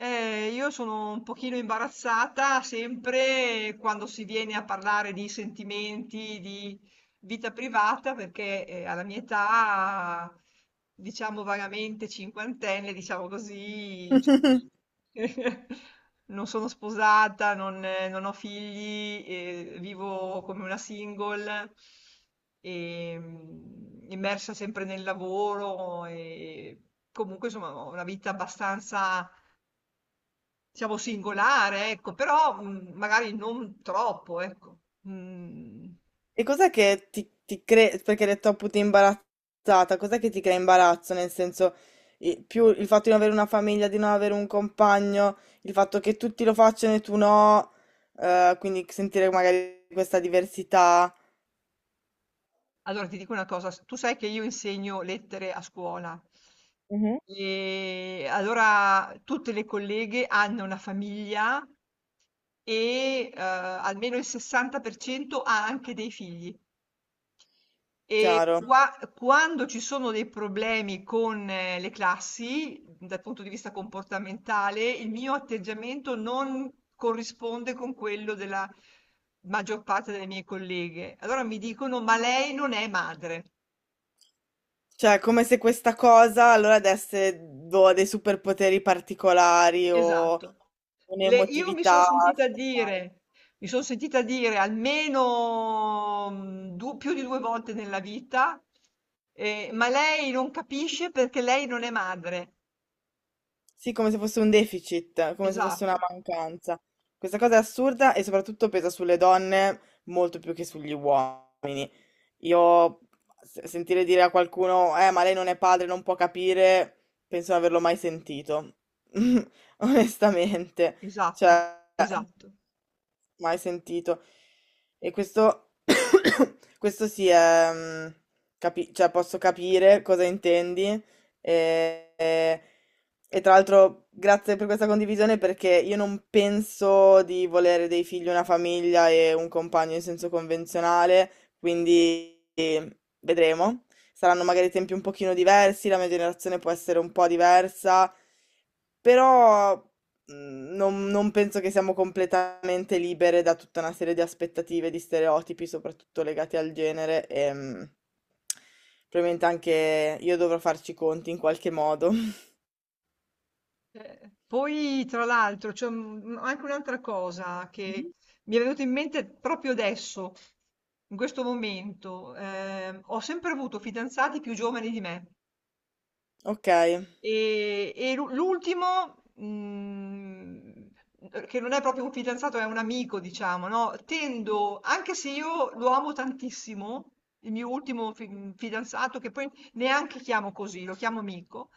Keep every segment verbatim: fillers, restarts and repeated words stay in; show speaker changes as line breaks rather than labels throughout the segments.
Eh, io sono un pochino imbarazzata sempre quando si viene a parlare di sentimenti, di vita privata, perché eh, alla mia età, diciamo vagamente cinquantenne, diciamo così, cioè, non sono sposata, non, eh, non ho figli, eh, vivo come una single, e, mm, immersa sempre nel lavoro e comunque insomma ho una vita abbastanza diciamo singolare, ecco, però, mhmm, magari non troppo, ecco. Mhmm,
E cos'è che ti, ti crea, perché hai detto appunto imbarazzata, cos'è che ti crea imbarazzo? Nel senso, i- più il fatto di non avere una famiglia, di non avere un compagno, il fatto che tutti lo facciano e tu no, eh, quindi sentire magari questa diversità,
allora ti dico una cosa, s tu sai che io insegno lettere a scuola e allora tutte le colleghe hanno una famiglia e, uhm, almeno il sessanta per cento ha anche dei figli. E
chiaro.
qua quando ci sono dei problemi con eh, le classi, dal punto di vista comportamentale, il mio atteggiamento non corrisponde con quello della maggior parte delle mie colleghe. Allora mi dicono, ma lei non è madre.
Cioè, è come se questa cosa allora desse boh, dei superpoteri particolari o
Esatto. Le- io mi sono
un'emotività
sentita
speciale.
dire, mi sono sentita dire almeno mm, du- più di due volte nella vita, eh, ma lei non capisce perché lei non è madre.
Sì, come se fosse un deficit, come se fosse una
Esatto.
mancanza. Questa cosa è assurda e soprattutto pesa sulle donne molto più che sugli uomini. Io se- sentire dire a qualcuno, eh, ma lei non è padre, non può capire, penso di non averlo mai sentito. Onestamente.
Esatto,
Cioè,
esatto.
mai sentito. E questo, questo sì, è, mm, capi- cioè posso capire cosa intendi. E, e- e tra l'altro, grazie per questa condivisione perché io non penso di volere dei figli, una famiglia e un compagno in senso convenzionale, quindi eh, vedremo. Saranno magari tempi un pochino diversi, la mia generazione può essere un po' diversa, però Mhmm, non non penso che siamo completamente libere da tutta una serie di aspettative, di stereotipi, soprattutto legati al genere, ehm, probabilmente anche io dovrò farci i conti in qualche modo.
Eh, poi tra l'altro c'è un- anche un'altra cosa che mi è venuta in mente proprio adesso, in questo momento. Ehm, ho sempre avuto fidanzati più giovani di me.
Okay,
E e l'u l'ultimo, mhmm, che non è proprio un fidanzato, è un amico diciamo, no, tendo anche se io lo amo tantissimo, il mio ultimo fi fidanzato, che poi neanche chiamo così, lo chiamo amico,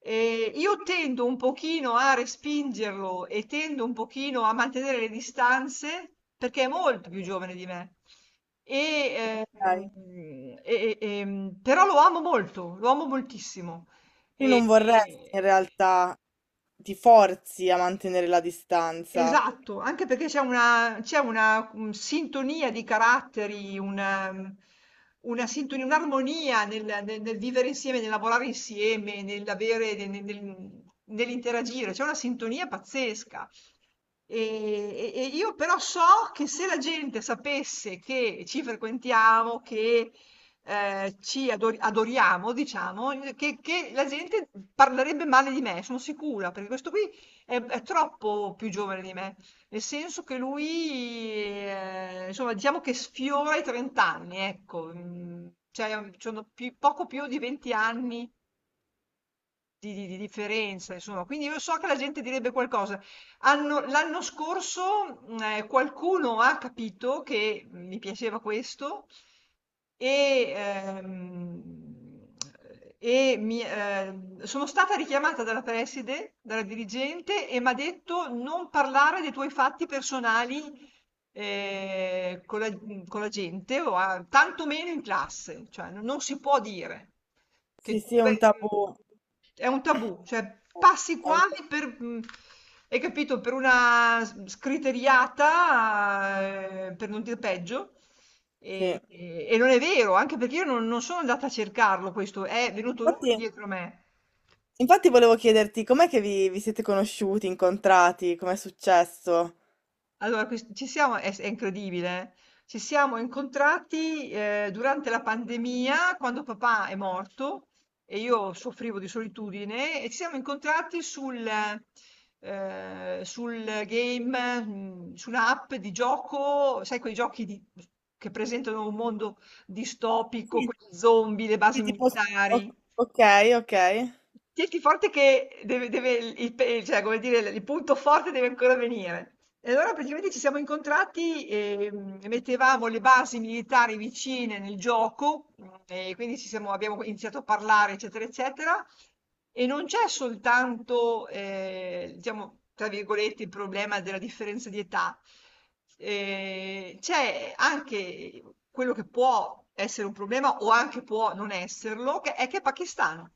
ehm, io tendo un pochino a respingerlo e tendo un pochino a mantenere le distanze, perché è molto più giovane di me. E,
dai.
ehm, e e ehm, Però lo amo molto, lo amo moltissimo.
Io
E-
non vorresti in realtà ti forzi a mantenere la distanza.
esatto, anche perché c'è una, c'è una mm, sintonia di caratteri, una, mm, una sintonia, un'armonia nel, nel- nel vivere insieme, nel lavorare insieme, nell'avere, nel- nel- nell'interagire, c'è una sintonia pazzesca. E, e- e io però so che se la gente sapesse che ci frequentiamo, che eh, ci ador- adoriamo, diciamo, che, che la gente parlerebbe male di me, sono sicura, perché questo qui è, è troppo più giovane di me, nel senso che lui, eh, insomma, diciamo che sfiora i trenta anni, ecco, mm, cioè, mm, sono più- poco più di venti anni di di di differenza insomma, quindi io so che la gente direbbe qualcosa. Hanno l'anno scorso, mhmm, ehm, qualcuno ha capito che mi piaceva questo e, ehm, e mi ehm, sono stata richiamata dalla preside, dalla dirigente e m'ha detto: "Non parlare dei tuoi fatti personali, ehm, con la mhmm, con la gente o a tanto meno in classe, cioè no non si può dire".
Sì,
Che tu
sì, è un
pe-
tabù.
è un tabù, cioè passi
È un ta
quasi per, mh, hai capito, per una s- scriteriata, eh, per non dire peggio.
Sì.
E, e- e non è vero, anche perché io non, non sono andata a cercarlo, questo è venuto lui
Infatti
dietro me.
infatti volevo chiederti com'è che vi vi siete conosciuti, incontrati, com'è successo?
Allora ques Ci siamo è s è incredibile. Eh. Ci siamo incontrati, ehm, durante la pandemia, quando papà è morto e io soffrivo di solitudine, e ci siamo incontrati sul ehm, sul game, mhmm, su un'app di gioco, sai quei giochi di che presentano un mondo distopico,
Sì,
quelli zombie, le
sì,
basi
tipo, o-
militari.
ok, ok. Ok.
Tienti forte che deve deve il il pe cioè come dire, il punto forte deve ancora venire. E allora praticamente ci siamo incontrati, ehm, e mm, mettevamo le basi militari vicine nel gioco, mhmm, e quindi ci siamo abbiamo iniziato a parlare, eccetera, eccetera, e non c'è soltanto, ehm, diciamo, tra virgolette, "il problema della differenza di età", ehm, c'è anche quello che può essere un problema o anche può non esserlo, che è che è pakistano.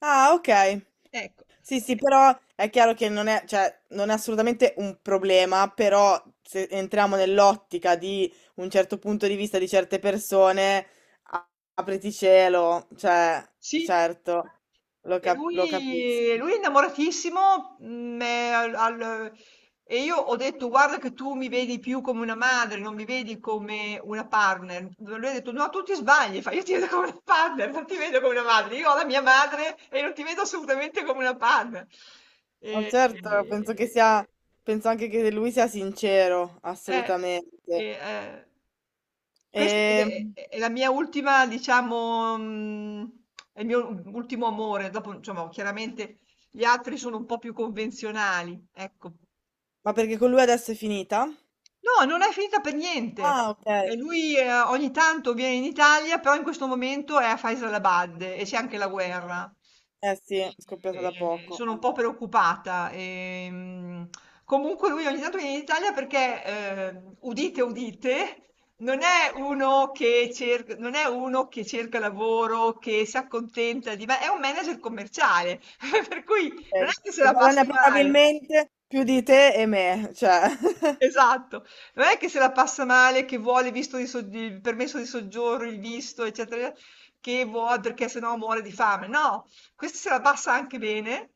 Ah, ok.
Ecco.
Sì, sì, però è chiaro che non è, cioè, non è assolutamente un problema, però se entriamo nell'ottica di un certo punto di vista di certe persone, a- apriti cielo, cioè,
Sì,
certo, lo,
e
cap- lo capisco.
lui lui è innamoratissimo, mhmm, ehm, al al e io ho detto: "Guarda che tu mi vedi più come una madre, non mi vedi come una partner". Lui ha detto: "No, tu ti sbagli", fa: "Io ti vedo come una partner, non ti vedo come una madre. Io ho la mia madre e non ti vedo assolutamente come una partner".
Ma
E
certo, penso che
e-
sia, penso anche che lui sia sincero,
eh, e
assolutamente.
ehm Questa ed
Ehm,
è è è la mia ultima diciamo mhmm, è il mio u ultimo amore. Dopo, insomma, chiaramente gli altri sono un po' più convenzionali, ecco.
ma perché con lui adesso è finita?
No, non è finita per niente.
Ah, ok.
Ehm, lui, ehm, ogni tanto viene in Italia, però in questo momento è a Faisalabad e c'è anche la guerra.
Eh sì, è
E
scoppiata da
e
poco
sono un po'
adesso.
preoccupata. Ehm, comunque lui ogni tanto viene in Italia perché, ehm, udite, udite, non è uno che cerc non è uno che cerca lavoro, che si accontenta di ma è un manager commerciale, per cui non è
Eh,
che se
Che
la
guadagna
passa male.
probabilmente più di te e me, cioè.
Esatto. Non è che se la passa male, che vuole il visto di so- il permesso di soggiorno, il visto, eccetera, eccetera, che vuole perché sennò muore di fame. No, questa se la passa anche bene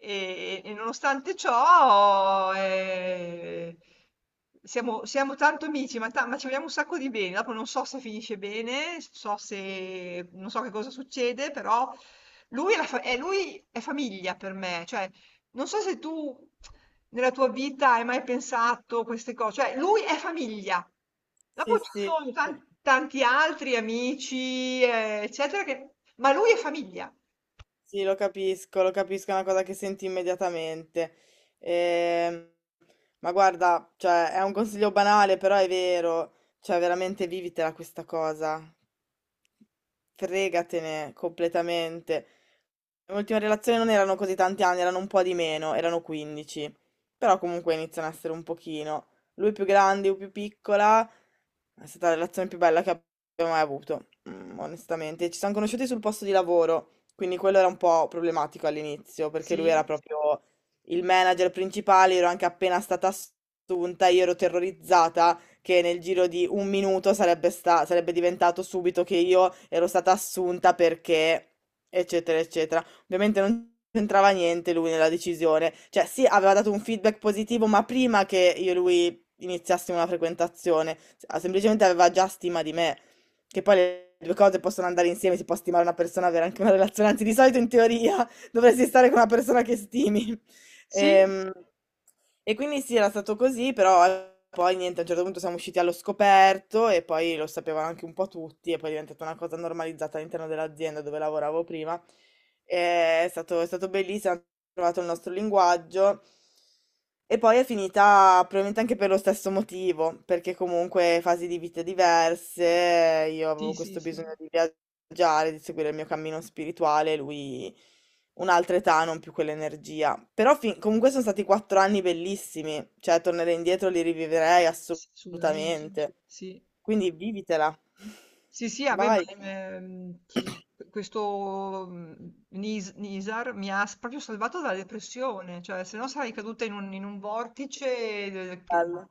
e, e nonostante ciò eh, siamo, siamo tanto amici, ma, ta- ma ci vogliamo un sacco di bene. Dopo non so se finisce bene, so se, non so che cosa succede, però lui è, la fa- è- lui è famiglia per me, cioè non so se tu nella tua vita hai mai pensato queste cose, cioè lui è famiglia,
Sì,
dopo ci
sì.
sono tan- tanti altri amici, eh, eccetera, che... ma lui è famiglia.
Sì, lo capisco, lo capisco, è una cosa che senti immediatamente. Ehm, ma guarda, cioè, è un consiglio banale, però è vero, cioè, veramente vivitela questa cosa. Fregatene completamente. L'ultima relazione non erano così tanti anni, erano un po' di meno, erano quindici. Però comunque iniziano a essere un pochino. Lui più grande, io più piccola. È stata la relazione più bella che abbiamo mai avuto, mm, onestamente. Ci siamo conosciuti sul posto di lavoro. Quindi quello era un po' problematico all'inizio, perché lui era
Sì,
proprio il manager principale, ero anche appena stata assunta, io ero terrorizzata che nel giro di un minuto sarebbe sta- sarebbe diventato subito che io ero stata assunta perché, eccetera, eccetera. Ovviamente non c'entrava niente lui nella decisione. Cioè, sì, aveva dato un feedback positivo, ma prima che io e lui iniziassimo una frequentazione, s- semplicemente aveva già stima di me. Che poi le due cose possono andare insieme, si può stimare una persona, avere anche una relazione, anzi di solito in teoria dovresti stare con una persona che stimi.
sì,
Ehm, e quindi sì, era stato così, però poi niente, a un certo punto siamo usciti allo scoperto e poi lo sapevano anche un po' tutti e poi è diventata una cosa normalizzata all'interno dell'azienda dove lavoravo prima eh, è stato, è stato bellissimo, hanno trovato il nostro linguaggio e poi è finita probabilmente anche per lo stesso motivo, perché comunque fasi di vita diverse, io
sì,
avevo
sì,
questo
sì,
bisogno di viaggiare, di seguire il mio cammino spirituale, lui un'altra età, non più quell'energia. Però fin- comunque sono stati quattro anni bellissimi, cioè tornerei indietro, li rivivrei
sì, assolutamente,
assolutamente.
sì.
Quindi vivitela.
Sì, sì, vabbè, ma
Vai,
ehm, questo mm, Nis- Nisar mi ha s- proprio salvato dalla depressione, cioè se no sarei caduta in un, in un vortice eh, che,
bello.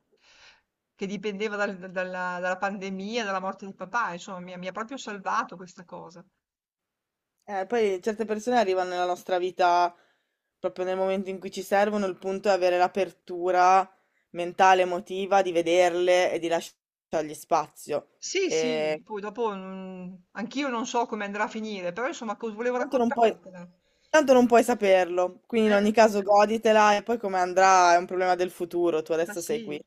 che dipendeva dal- dalla, dalla pandemia, dalla morte di papà, insomma, mi, ha mi ha proprio salvato questa cosa.
Eh, poi certe persone arrivano nella nostra vita proprio nel momento in cui ci servono, il punto è avere l'apertura mentale, emotiva, di vederle e di lasciargli spazio.
Sì,
E
sì, poi dopo mm, anch'io non so come andrà a finire, però insomma, cos- volevo
tanto non puoi,
raccontartela.
tanto non puoi saperlo, quindi in
Eh,
ogni caso goditela e poi come andrà è un problema del futuro, tu
ma
adesso sei qui.
sì.